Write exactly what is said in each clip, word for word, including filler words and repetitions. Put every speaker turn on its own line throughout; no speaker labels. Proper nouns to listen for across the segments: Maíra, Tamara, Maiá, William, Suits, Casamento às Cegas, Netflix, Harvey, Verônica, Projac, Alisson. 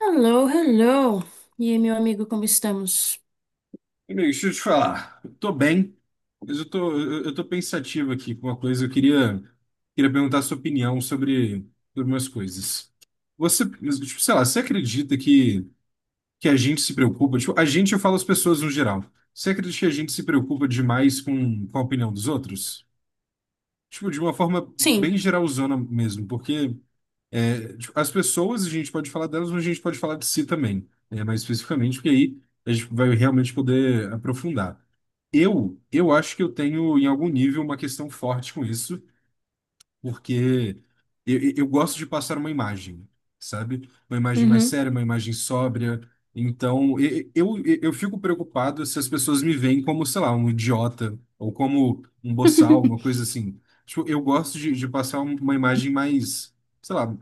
Hello, hello. E aí, meu amigo, como estamos?
Amigo, deixa eu te falar. Eu tô bem, mas eu tô, eu, eu tô pensativo aqui com uma coisa. Eu queria, queria perguntar a sua opinião sobre, sobre umas coisas. Você, tipo, sei lá, você acredita que, que a gente se preocupa? Tipo, a gente, eu falo as pessoas no geral. Você acredita que a gente se preocupa demais com, com a opinião dos outros? Tipo, de uma forma
Sim.
bem geralzona mesmo, porque é, tipo, as pessoas, a gente pode falar delas, mas a gente pode falar de si também, é, mais especificamente, porque aí a gente vai realmente poder aprofundar. Eu, eu acho que eu tenho, em algum nível, uma questão forte com isso, porque eu, eu eu gosto de passar uma imagem, sabe? Uma imagem mais
Uhum.
séria, uma imagem sóbria. Então, e- eu, eu, eu fico preocupado se as pessoas me veem como, sei lá, um idiota ou como um boçal, uma coisa assim. Tipo, eu gosto de, de passar um- uma imagem mais, sei lá,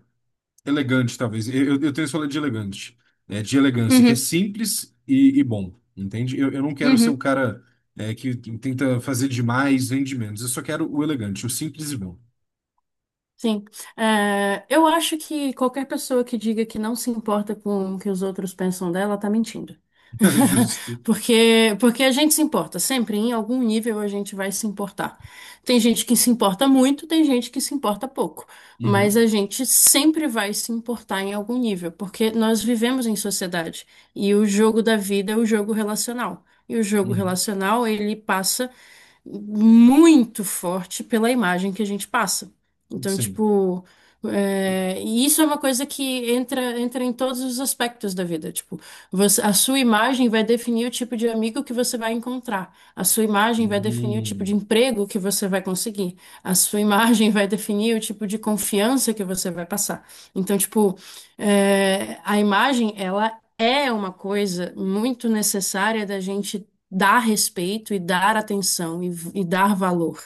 elegante, talvez. Eu, eu eu tenho esse rolê de elegante, né? De elegância, que é
Uhum.
simples e, e bom, entende? Eu, eu não quero ser o
Uhum.
cara, é, que tenta fazer demais, vende menos. Eu só quero o elegante, o simples e bom.
Sim, é, eu acho que qualquer pessoa que diga que não se importa com o que os outros pensam dela tá mentindo.
Justo.
Porque, porque a gente se importa, sempre em algum nível a gente vai se importar. Tem gente que se importa muito, tem gente que se importa pouco, mas
Uhum,
a gente sempre vai se importar em algum nível, porque nós vivemos em sociedade e o jogo da vida é o jogo relacional. E o jogo
uhum,
relacional, ele passa muito forte pela imagem que a gente passa. Então,
sim.
tipo, é, e isso é uma coisa que entra, entra em todos os aspectos da vida. Tipo, você- a sua imagem vai definir o tipo de amigo que você vai encontrar. A sua imagem vai definir o tipo de
Uhum.
emprego que você vai conseguir. A sua imagem vai definir o tipo de confiança que você vai passar. Então, tipo, é, a imagem, ela é uma coisa muito necessária da gente dar respeito e dar atenção e e dar valor,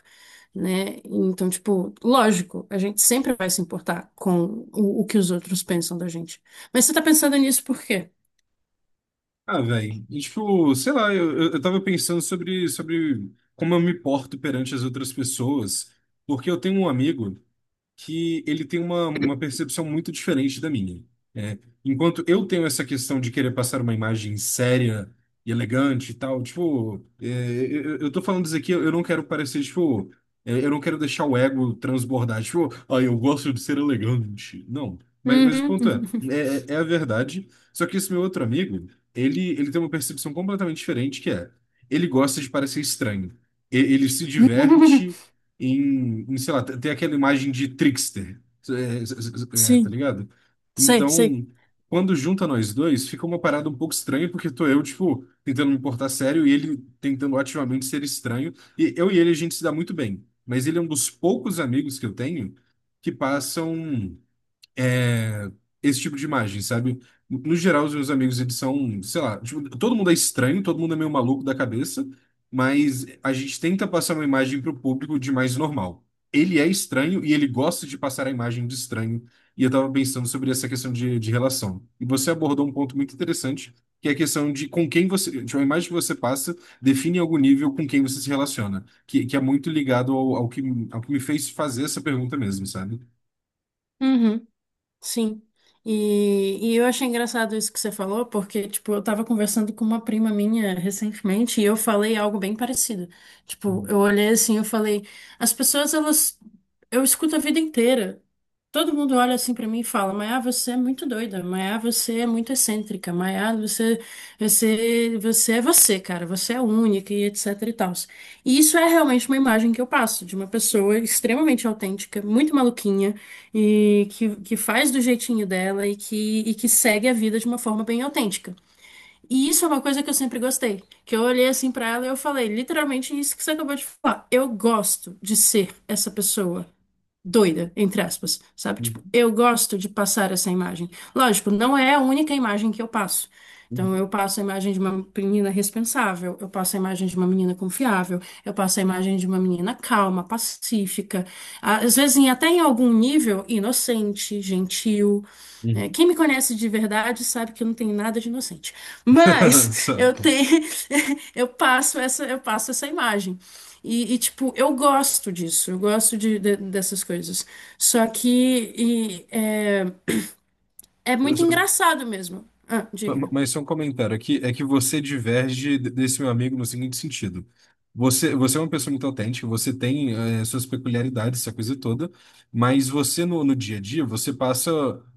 né? Então, tipo, lógico, a gente sempre vai se importar com o, o que os outros pensam da gente. Mas você tá pensando nisso por quê?
Ah, velho. Tipo, sei lá, eu, eu eu tava pensando sobre, sobre como eu me porto perante as outras pessoas, porque eu tenho um amigo que ele tem uma, uma percepção muito diferente da minha. É, enquanto eu tenho essa questão de querer passar uma imagem séria e elegante e tal, tipo, é, eu, eu tô falando isso aqui, eu não quero parecer, tipo, é, eu não quero deixar o ego transbordar, tipo, ah, eu gosto de ser elegante. Não, mas, mas o
Uhum.
ponto é, é, é a verdade, só que esse meu outro amigo, ele, ele tem uma percepção completamente diferente, que é, ele gosta de parecer estranho. E- Ele se diverte em, em, sei lá, tem tem aquela imagem de trickster, é, é, é, é, tá
Sim,
ligado?
sei, sei.
Então, quando junta nós dois, fica uma parada um pouco estranha, porque tô eu, tipo, tentando me portar sério e ele tentando ativamente ser estranho. E eu e ele, a gente se dá muito bem, mas ele é um dos poucos amigos que eu tenho que passam é, esse tipo de imagem, sabe? No geral, os meus amigos, eles são, sei lá, tipo, todo mundo é estranho, todo mundo é meio maluco da cabeça, mas a gente tenta passar uma imagem pro público de mais normal. Ele é estranho e ele gosta de passar a imagem de estranho. E eu tava pensando sobre essa questão de, de relação. E você abordou um ponto muito interessante, que é a questão de com quem você, tipo, a imagem que você passa define em algum nível com quem você se relaciona, que, que é muito ligado ao, ao que, ao que me fez fazer essa pergunta mesmo, sabe?
Uhum. Sim. E, e eu achei engraçado isso que você falou, porque, tipo, eu tava conversando com uma prima minha recentemente e eu falei algo bem parecido. Tipo,
Uhum,
eu olhei assim, eu falei, as pessoas, elas, eu escuto a vida inteira. Todo mundo olha assim pra mim e fala, Maiá, você é muito doida, Maiá, você é muito excêntrica, Maiá, você, você, você é você, cara, você é única e etc e tal. E isso é realmente uma imagem que eu passo de uma pessoa extremamente autêntica, muito maluquinha, e que, que faz do jeitinho dela e que, e que segue a vida de uma forma bem autêntica. E isso é uma coisa que eu sempre gostei, que eu olhei assim pra ela e eu falei, literalmente isso que você acabou de falar. Eu gosto de ser essa pessoa doida, entre aspas, sabe? Tipo, eu gosto de passar essa imagem. Lógico, não é a única imagem que eu passo. Então,
uhum.
eu passo a imagem de uma menina responsável, eu passo a imagem de uma menina confiável, eu passo a imagem de uma menina calma, pacífica, às vezes em- até em algum nível inocente, gentil. É,
Uhum.
quem me conhece de verdade sabe que eu não tenho nada de inocente. Mas
Só-
eu tenho, eu passo essa, eu passo essa imagem. E, e, tipo, eu gosto disso, eu gosto de, de- dessas coisas. Só que e, é, é muito
só-
engraçado mesmo. Ah, diga.
Mas só um comentário aqui, é que você diverge de- desse meu amigo no seguinte sentido. Você, você é uma pessoa muito autêntica, você tem eh, suas peculiaridades, essa coisa toda, mas você no, no dia a dia, você passa,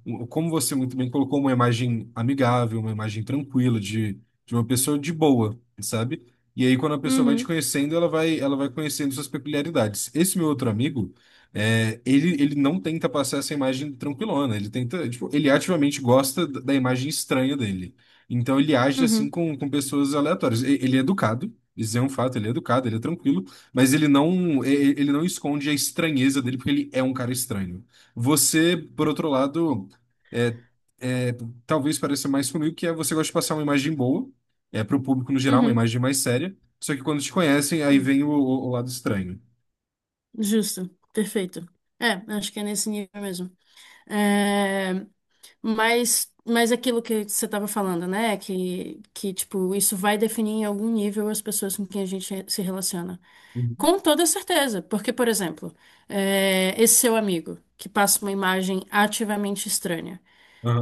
um- como você muito bem colocou, uma imagem amigável, uma imagem tranquila de, de uma pessoa de boa, sabe? E aí quando a pessoa vai te
Uhum,
conhecendo, ela vai, ela vai conhecendo suas peculiaridades. Esse meu outro amigo, É, ele, ele não tenta passar essa imagem tranquilona, ele tenta, tipo, ele ativamente gosta da da imagem estranha dele. Então ele age assim
uhum,
com, com pessoas aleatórias. E- Ele é educado, isso é um fato, ele é educado, ele é tranquilo, mas ele não, e- e- ele não esconde a estranheza dele porque ele é um cara estranho. Você, por outro lado, é, é, talvez pareça mais comigo que é você gosta de passar uma imagem boa, é para o público no geral, uma
uhum.
imagem mais séria, só que quando te conhecem, aí
Sim,
vem o, o o lado estranho.
justo, perfeito. É, acho que é nesse nível mesmo. É, Mas, mas aquilo que você estava falando, né? Que, que, tipo, isso vai definir em algum nível as pessoas com quem a gente se relaciona.
Uhum.
Com toda certeza. Porque, por exemplo, é, esse seu amigo que passa uma imagem ativamente estranha.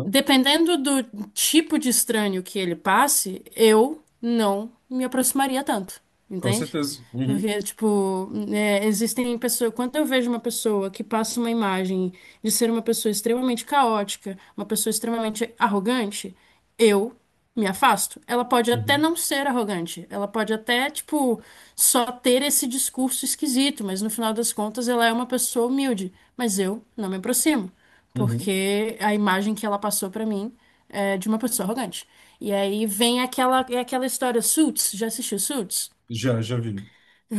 Dependendo do tipo de estranho que ele passe, eu não me aproximaria tanto,
Com
entende?
certeza. Uhum,
Porque, tipo, é, existem pessoas. Quando eu vejo uma pessoa que passa uma imagem de ser uma pessoa extremamente caótica, uma pessoa extremamente arrogante, eu me afasto. Ela pode até
uhum,
não ser arrogante, ela pode até, tipo, só ter esse discurso esquisito, mas no final das contas ela é uma pessoa humilde, mas eu não me aproximo
uhum.
porque a imagem que ela passou pra mim é de uma pessoa arrogante. E aí vem aquela, é aquela história, Suits, já assistiu Suits?
Já, já vi.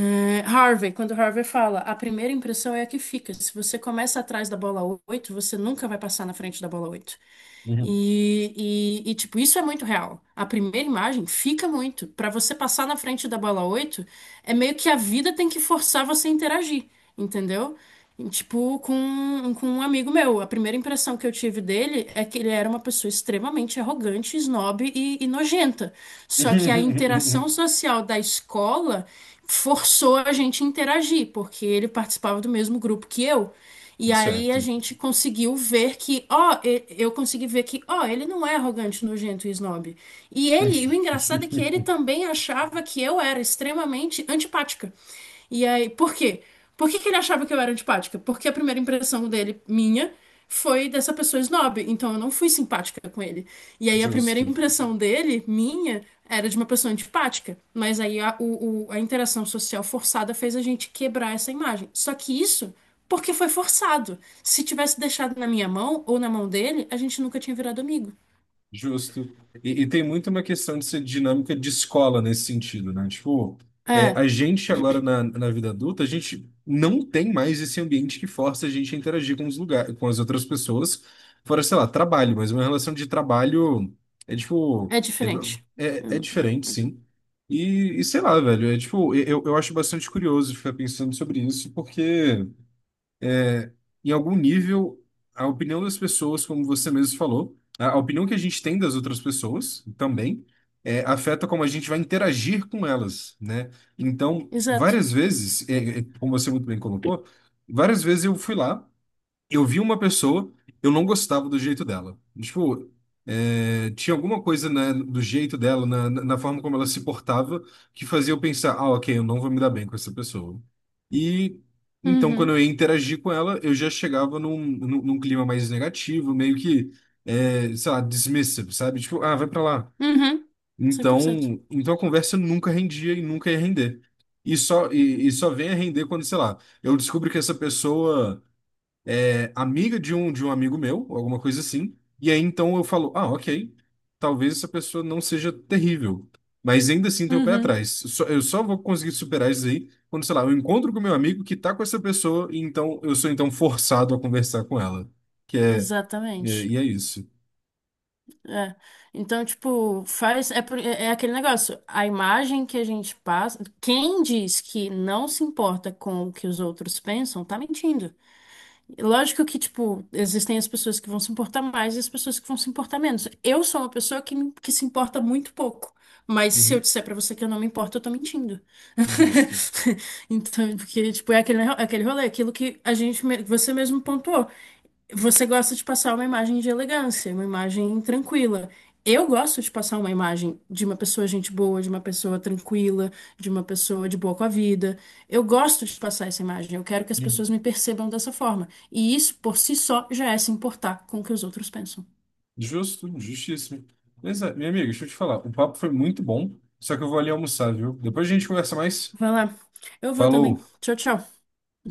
É, Harvey, quando Harvey fala, a primeira impressão é a que fica. Se você começa atrás da bola oito, você nunca vai passar na frente da bola oito.
Uhum.
E, e, e, tipo, isso é muito real. A primeira imagem fica muito. Pra você passar na frente da bola oito é meio que a vida tem que forçar você a interagir, entendeu? E tipo, com, com um amigo meu. A primeira impressão que eu tive dele é que ele era uma pessoa extremamente arrogante, snob e, e nojenta. Só que a interação social da escola forçou a gente a interagir, porque ele participava do mesmo grupo que eu. E aí a
Certo.
gente conseguiu ver que, ó, e- eu consegui ver que, ó, ele não é arrogante, nojento e snob. E ele, e o engraçado é que ele também achava que eu era extremamente antipática. E aí, por quê? Por que que ele achava que eu era antipática? Porque a primeira impressão dele, minha, foi dessa pessoa snob. Então eu não fui simpática com ele. E aí a primeira
Justo.
impressão dele, minha, era de uma pessoa antipática. Mas aí a, o- o- a interação social forçada fez a gente quebrar essa imagem. Só que isso porque foi forçado. Se tivesse deixado na minha mão ou na mão dele, a gente nunca tinha virado amigo.
Justo. E, e tem muito uma questão de ser dinâmica de escola nesse sentido, né? Tipo, é,
É,
a gente agora na, na vida adulta, a gente não tem mais esse ambiente que força a gente a interagir com os lugares, com as outras pessoas, fora, sei lá, trabalho, mas uma relação de trabalho é tipo,
é
é,
diferente.
é, é diferente, sim. E, e sei lá, velho, é tipo, eu, eu acho bastante curioso ficar pensando sobre isso, porque em algum nível, a opinião das pessoas, como você mesmo falou, a a opinião que a gente tem das outras pessoas também, é, afeta como a gente vai interagir com elas, né? Então,
Exato.
várias vezes, é, é, como você muito bem colocou, várias vezes eu fui lá eu vi uma pessoa, eu não gostava do jeito dela. Tipo, é, tinha alguma coisa na- do jeito dela, na, na na forma como ela se portava, que fazia eu pensar, ah, ok, eu não vou me dar bem com essa pessoa. E então, quando
Uhum.
eu ia interagir com ela, eu já chegava num, num, num clima mais negativo, meio que, é, sei lá, dismissive, sabe? Tipo, ah, vai pra lá.
Uhum. Cem por cento.
Então, então a conversa nunca rendia e nunca ia render. E só, e, e só vem a render quando, sei lá, eu descubro que essa pessoa é amiga de um de um amigo meu, ou alguma coisa assim. E aí então eu falo, ah, ok, talvez essa pessoa não seja terrível, mas ainda assim tem o pé
Uhum.
atrás. Só- eu só vou conseguir superar isso aí quando, sei lá, eu encontro com meu amigo que tá com essa pessoa e então eu sou então forçado a conversar com ela, que é e é
Exatamente.
e é isso.
É. Então, tipo, faz. É, por- é é aquele negócio. A imagem que a gente passa. Quem diz que não se importa com o que os outros pensam, tá mentindo. Lógico que, tipo, existem as pessoas que vão se importar mais e as pessoas que vão se importar menos. Eu sou uma pessoa que, me- que se importa muito pouco. Mas se eu
Uhum.
disser pra você que eu não me importo, eu tô mentindo.
Justo.
Então, porque, tipo, é aquele, é aquele rolê, é aquilo que a gente, me- você mesmo pontuou. Você gosta de passar uma imagem de elegância, uma imagem tranquila. Eu gosto de passar uma imagem de uma pessoa gente boa, de uma pessoa tranquila, de uma pessoa de boa com a vida. Eu gosto de passar essa imagem. Eu quero que as pessoas
Uhum.
me percebam dessa forma. E isso, por si só, já é se importar com o que os outros pensam.
Justo, justíssimo. Mas, é, minha amiga, deixa eu te falar. O papo foi muito bom, só que eu vou ali almoçar, viu? Depois a gente conversa mais.
Vai lá. Eu vou também.
Falou!
Tchau, tchau.